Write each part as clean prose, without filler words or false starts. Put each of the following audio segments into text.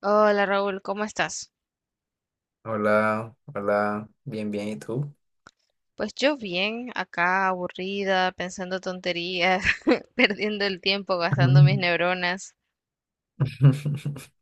Hola Raúl, ¿cómo estás? Hola, hola, bien, bien, ¿y tú? Pues yo bien, acá aburrida, pensando tonterías, perdiendo el tiempo, gastando mis Ujú. neuronas.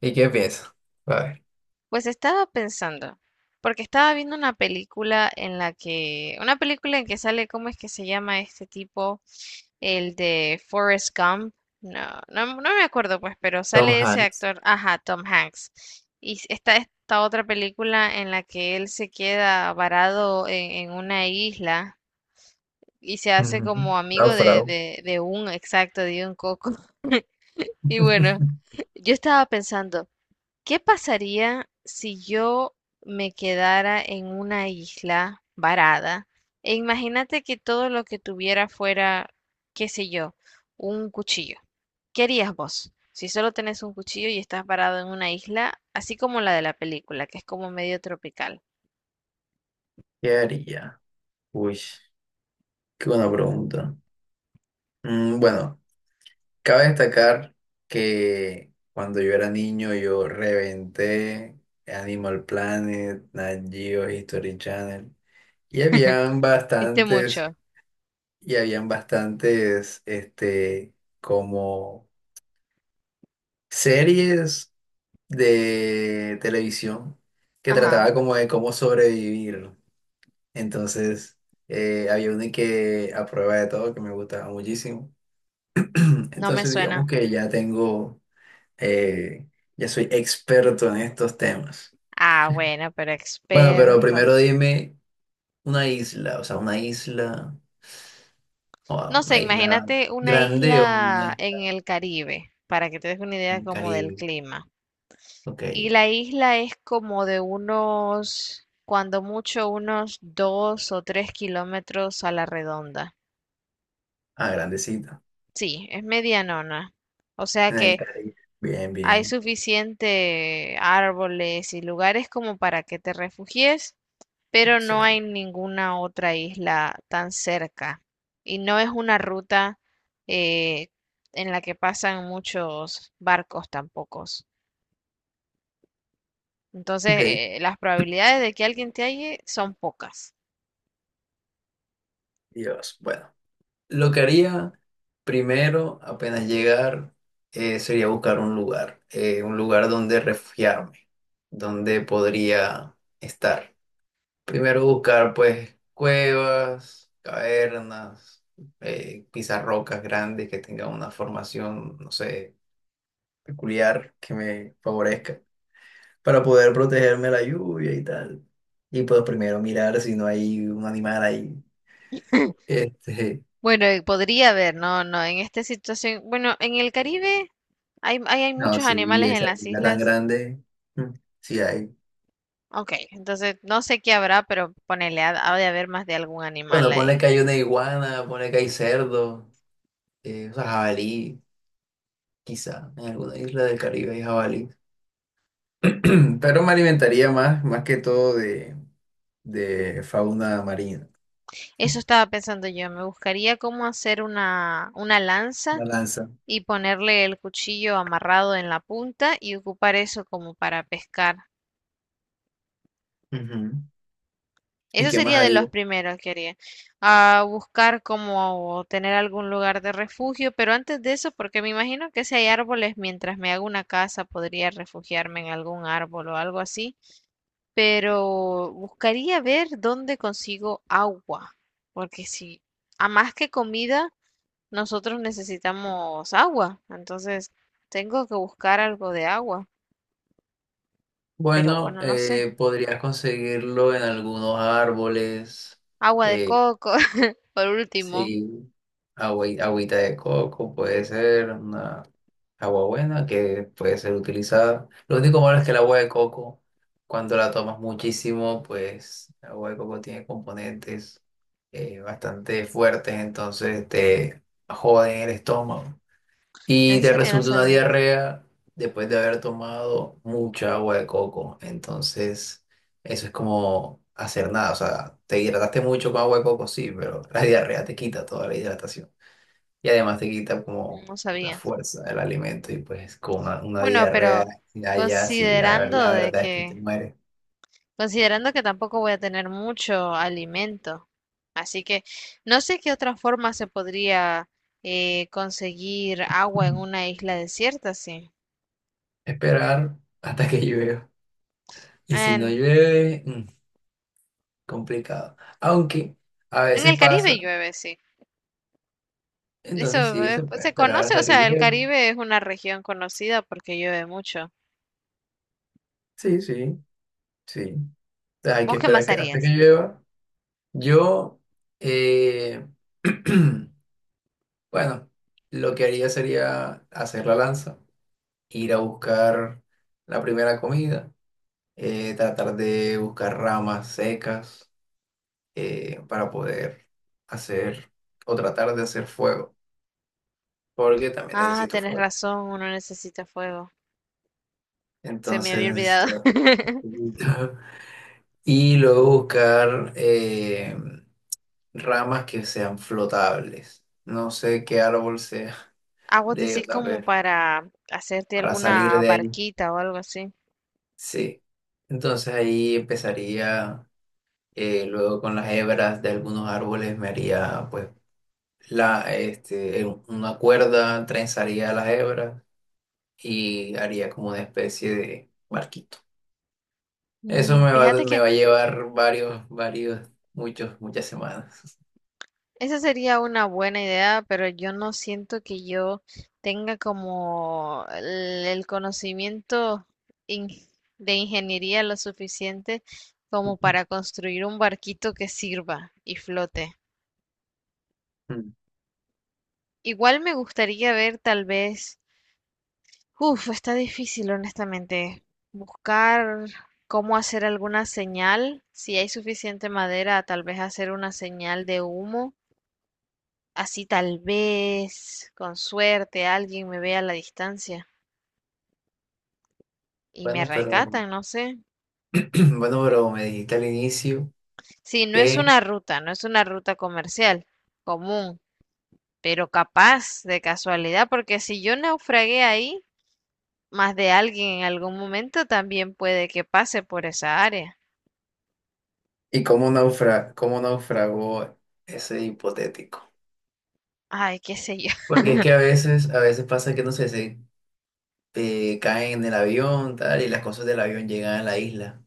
¿Y qué piensas? A ver, Pues estaba pensando, porque estaba viendo una película en la que, una película en que sale, ¿cómo es que se llama este tipo? El de Forrest Gump. No, no, no me acuerdo pues, pero Tom sale ese Hanks. actor, ajá, Tom Hanks. Está esta otra película en la que él se queda varado en una isla, y se hace Ujú. como amigo de, Náufrago. de, de un, exacto, de un coco. Y bueno, yo estaba pensando, ¿qué pasaría si yo me quedara en una isla varada? E imagínate que todo lo que tuviera fuera, qué sé yo, un cuchillo. ¿Qué harías vos? Si solo tenés un cuchillo y estás varado en una isla, así como la de la película, que es como medio tropical. ¿Qué haría? Uy, qué buena pregunta. Bueno, cabe destacar que cuando yo era niño yo reventé Animal Planet, Nat Geo, History Channel y habían ¿Viste bastantes, mucho? y habían bastantes, como series de televisión que Ajá, trataba como de cómo sobrevivir. Entonces, había una que a prueba de todo que me gustaba muchísimo. no me Entonces, digamos suena. que ya tengo, eh, ya soy experto en estos temas. Ah, bueno, pero Bueno, pero experto. primero dime una isla, o sea, una isla, o No sé, una isla imagínate una grande o una isla isla en el Caribe, para que te des una en idea el como del Caribe. clima. Ok, Y la isla es como de unos, cuando mucho, unos 2 o 3 kilómetros a la redonda. ah, grandecita, Sí, es medianona. O sea en el que Caribe. Bien, hay bien, suficiente árboles y lugares como para que te refugies, pero no hay excelente. ninguna otra isla tan cerca. Y no es una ruta eh, en la que pasan muchos barcos tampoco. Entonces, Ok. Las probabilidades de que alguien te halle son pocas. Dios, bueno, lo que haría primero, apenas llegar, sería buscar un lugar donde refugiarme, donde podría estar. Primero buscar, pues, cuevas, cavernas, quizás rocas grandes que tengan una formación, no sé, peculiar que me favorezca, para poder protegerme de la lluvia y tal. Y pues primero mirar si no hay un animal ahí. Este, Bueno, podría haber, no, no, en esta situación, bueno, en el Caribe hay No, muchos sí, animales en esa las isla tan islas. grande, mm, sí hay. Ok, entonces no sé qué habrá, pero ponele, ha de haber más de algún animal Bueno, ponle ahí. que hay una iguana, ponle que hay cerdo, o sea, jabalí, quizá, en alguna isla del Caribe hay jabalí. Pero me alimentaría más, más que todo de fauna marina, Eso estaba pensando yo, me buscaría cómo hacer una la lanza lanza. y ponerle el cuchillo amarrado en la punta y ocupar eso como para pescar. Ujú. ¿Y Eso qué más sería de los haría? primeros que haría. A buscar como tener algún lugar de refugio, pero antes de eso, porque me imagino que si hay árboles, mientras me hago una casa, podría refugiarme en algún árbol o algo así. Pero buscaría ver dónde consigo agua, porque si a más que comida, nosotros necesitamos agua, entonces tengo que buscar algo de agua. Pero Bueno, bueno, no sé. Podrías conseguirlo en algunos árboles, Agua de eh, coco, por último. Sí, agüita de coco puede ser una agua buena que puede ser utilizada. Lo único malo es que el agua de coco, cuando la tomas muchísimo, pues el agua de coco tiene componentes bastante fuertes, entonces te joden el estómago y En te serio, no resulta una sabía. diarrea después de haber tomado mucha agua de coco. Entonces, eso es como hacer nada. O sea, te hidrataste mucho con agua de coco, sí, pero la diarrea te quita toda la hidratación. Y además te quita como No la sabía. fuerza del alimento y pues con una Bueno, diarrea pero allá, sí, ya considerando la de verdad es que te que, mueres. considerando que tampoco voy a tener mucho alimento. Así que no sé qué otra forma se podría conseguir agua en Mm. una isla desierta, sí. Esperar hasta que llueva. Y si no En, llueve, complicado. Aunque a en el veces pasa, Caribe llueve, sí. entonces Eso sí, se pues, puede se esperar conoce, o hasta que sea, el llueva. Caribe es una región conocida porque llueve mucho. Sí, sí, sí. Hay que ¿Vos qué esperar más hasta que harías? llueva. Yo, eh, bueno, lo que haría sería hacer la lanza, ir a buscar la primera comida, tratar de buscar ramas secas para poder hacer o tratar de hacer fuego, porque también Ah, necesito tenés fuego. razón, uno necesita fuego. Se me Entonces había olvidado. necesito... Y luego buscar... ramas que sean flotables. No sé qué árbol sea Ah, vos decís o sea, como ver, para hacerte para salir alguna de ahí. barquita o algo así. Sí. Entonces ahí empezaría, luego con las hebras de algunos árboles me haría, pues, una cuerda, trenzaría las hebras y haría como una especie de barquito. Eso Mm, fíjate me que va a llevar varios, varios, muchos, muchas semanas. esa sería una buena idea, pero yo no siento que yo tenga como el conocimiento in- de ingeniería lo suficiente como para construir un barquito que sirva y flote. Igual me gustaría ver tal vez, uf, está difícil honestamente, buscar cómo hacer alguna señal, si hay suficiente madera, tal vez hacer una señal de humo. Así tal vez, con suerte, alguien me vea a la distancia y me Bueno, pero, rescatan, no sé. bueno, pero me dijiste al inicio. Sí, no es Que una ruta, no es una ruta comercial común, pero capaz de casualidad, porque si yo naufragué ahí, más de alguien en algún momento también puede que pase por esa área. ¿y cómo cómo naufragó ese hipotético? Ay, qué sé yo. Porque es que a veces pasa que no sé, se caen en el avión, tal, y las cosas del avión llegan a la isla.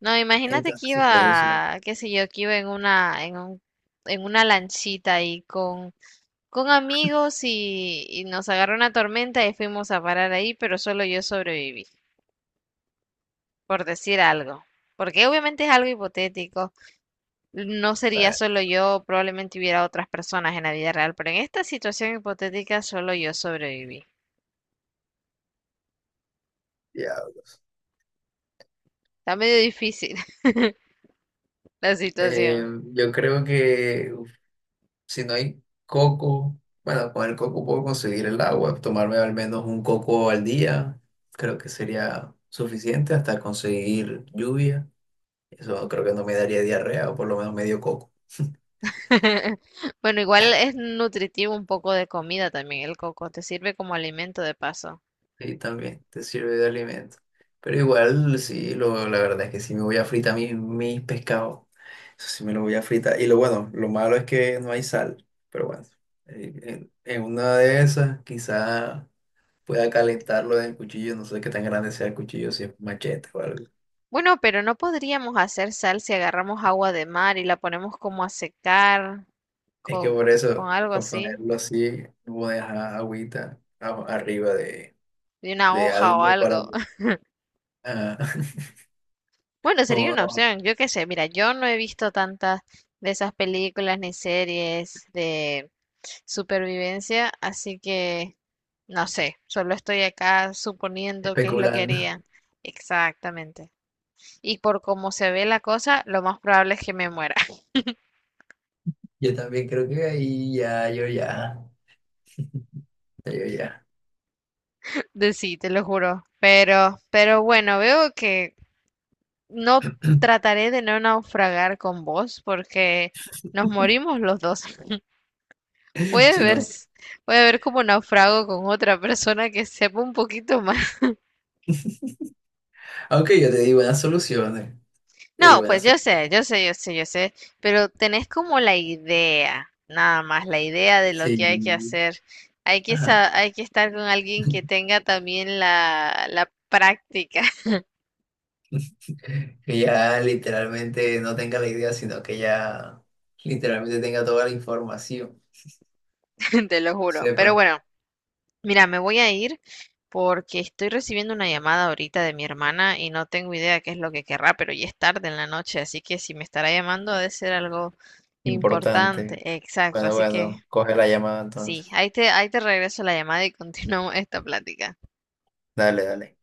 No, imagínate que Entonces se puede usar iba, qué sé yo, que iba en una, en un, en una lanchita ahí con amigos y nos agarró una tormenta y fuimos a parar ahí, pero solo yo sobreviví, por decir algo. Porque obviamente es algo hipotético. No sería para solo yo, probablemente hubiera otras personas en la vida real, pero en esta situación hipotética solo yo sobreviví. diablos. Está medio difícil la Eh, situación. yo creo que uf, si no hay coco, bueno, con el coco puedo conseguir el agua, tomarme al menos un coco al día, creo que sería suficiente hasta conseguir lluvia. Eso creo que no me daría diarrea, o por lo menos medio coco. Bueno, igual es nutritivo un poco de comida también el coco, te sirve como alimento de paso. Sí, también te sirve de alimento. Pero igual, sí, la verdad es que sí me voy a fritar mis pescados. Eso sí me lo voy a fritar. Y lo bueno, lo malo es que no hay sal. Pero bueno, en una de esas quizá pueda calentarlo en el cuchillo. No sé qué tan grande sea el cuchillo, si es machete o algo. Bueno, pero no podríamos hacer sal si agarramos agua de mar y la ponemos como a secar Es que con, por con eso, algo para así, ponerlo así, no voy a dejar arriba de una de hoja o algo para... algo. ah, Bueno, sería una como opción, yo qué sé, mira, yo no he visto tantas de esas películas ni series de supervivencia, así que no sé, solo estoy acá suponiendo qué es lo que especulando. harían. Exactamente. Y por cómo se ve la cosa, lo más probable es que me muera. Yo también creo que ahí ya, yo ya. De sí, te lo juro. Pero bueno, veo que no trataré de no naufragar con vos porque nos morimos los dos. Puede Si ver, no, puede ver como naufrago con otra persona que sepa un poquito más. aunque yo te di buenas soluciones, te di No, pues buenas yo soluciones. sé, yo sé, yo sé, yo sé, pero tenés como la idea, nada más, la idea de lo Sí, que hay que hacer. Hay que, ajá. Hay que estar con alguien que tenga también la práctica, Que ya literalmente no tenga la idea, sino que ya literalmente tenga toda la información, te lo juro. Pero sepa. bueno. Mira, me voy a ir porque estoy recibiendo una llamada ahorita de mi hermana y no tengo idea qué es lo que querrá, pero ya es tarde en la noche, así que si me estará llamando ha de ser algo Importante. importante. Exacto, Bueno, así que bueno, coge la llamada sí, entonces. Ahí te regreso la llamada y continuamos esta plática. Dale, dale.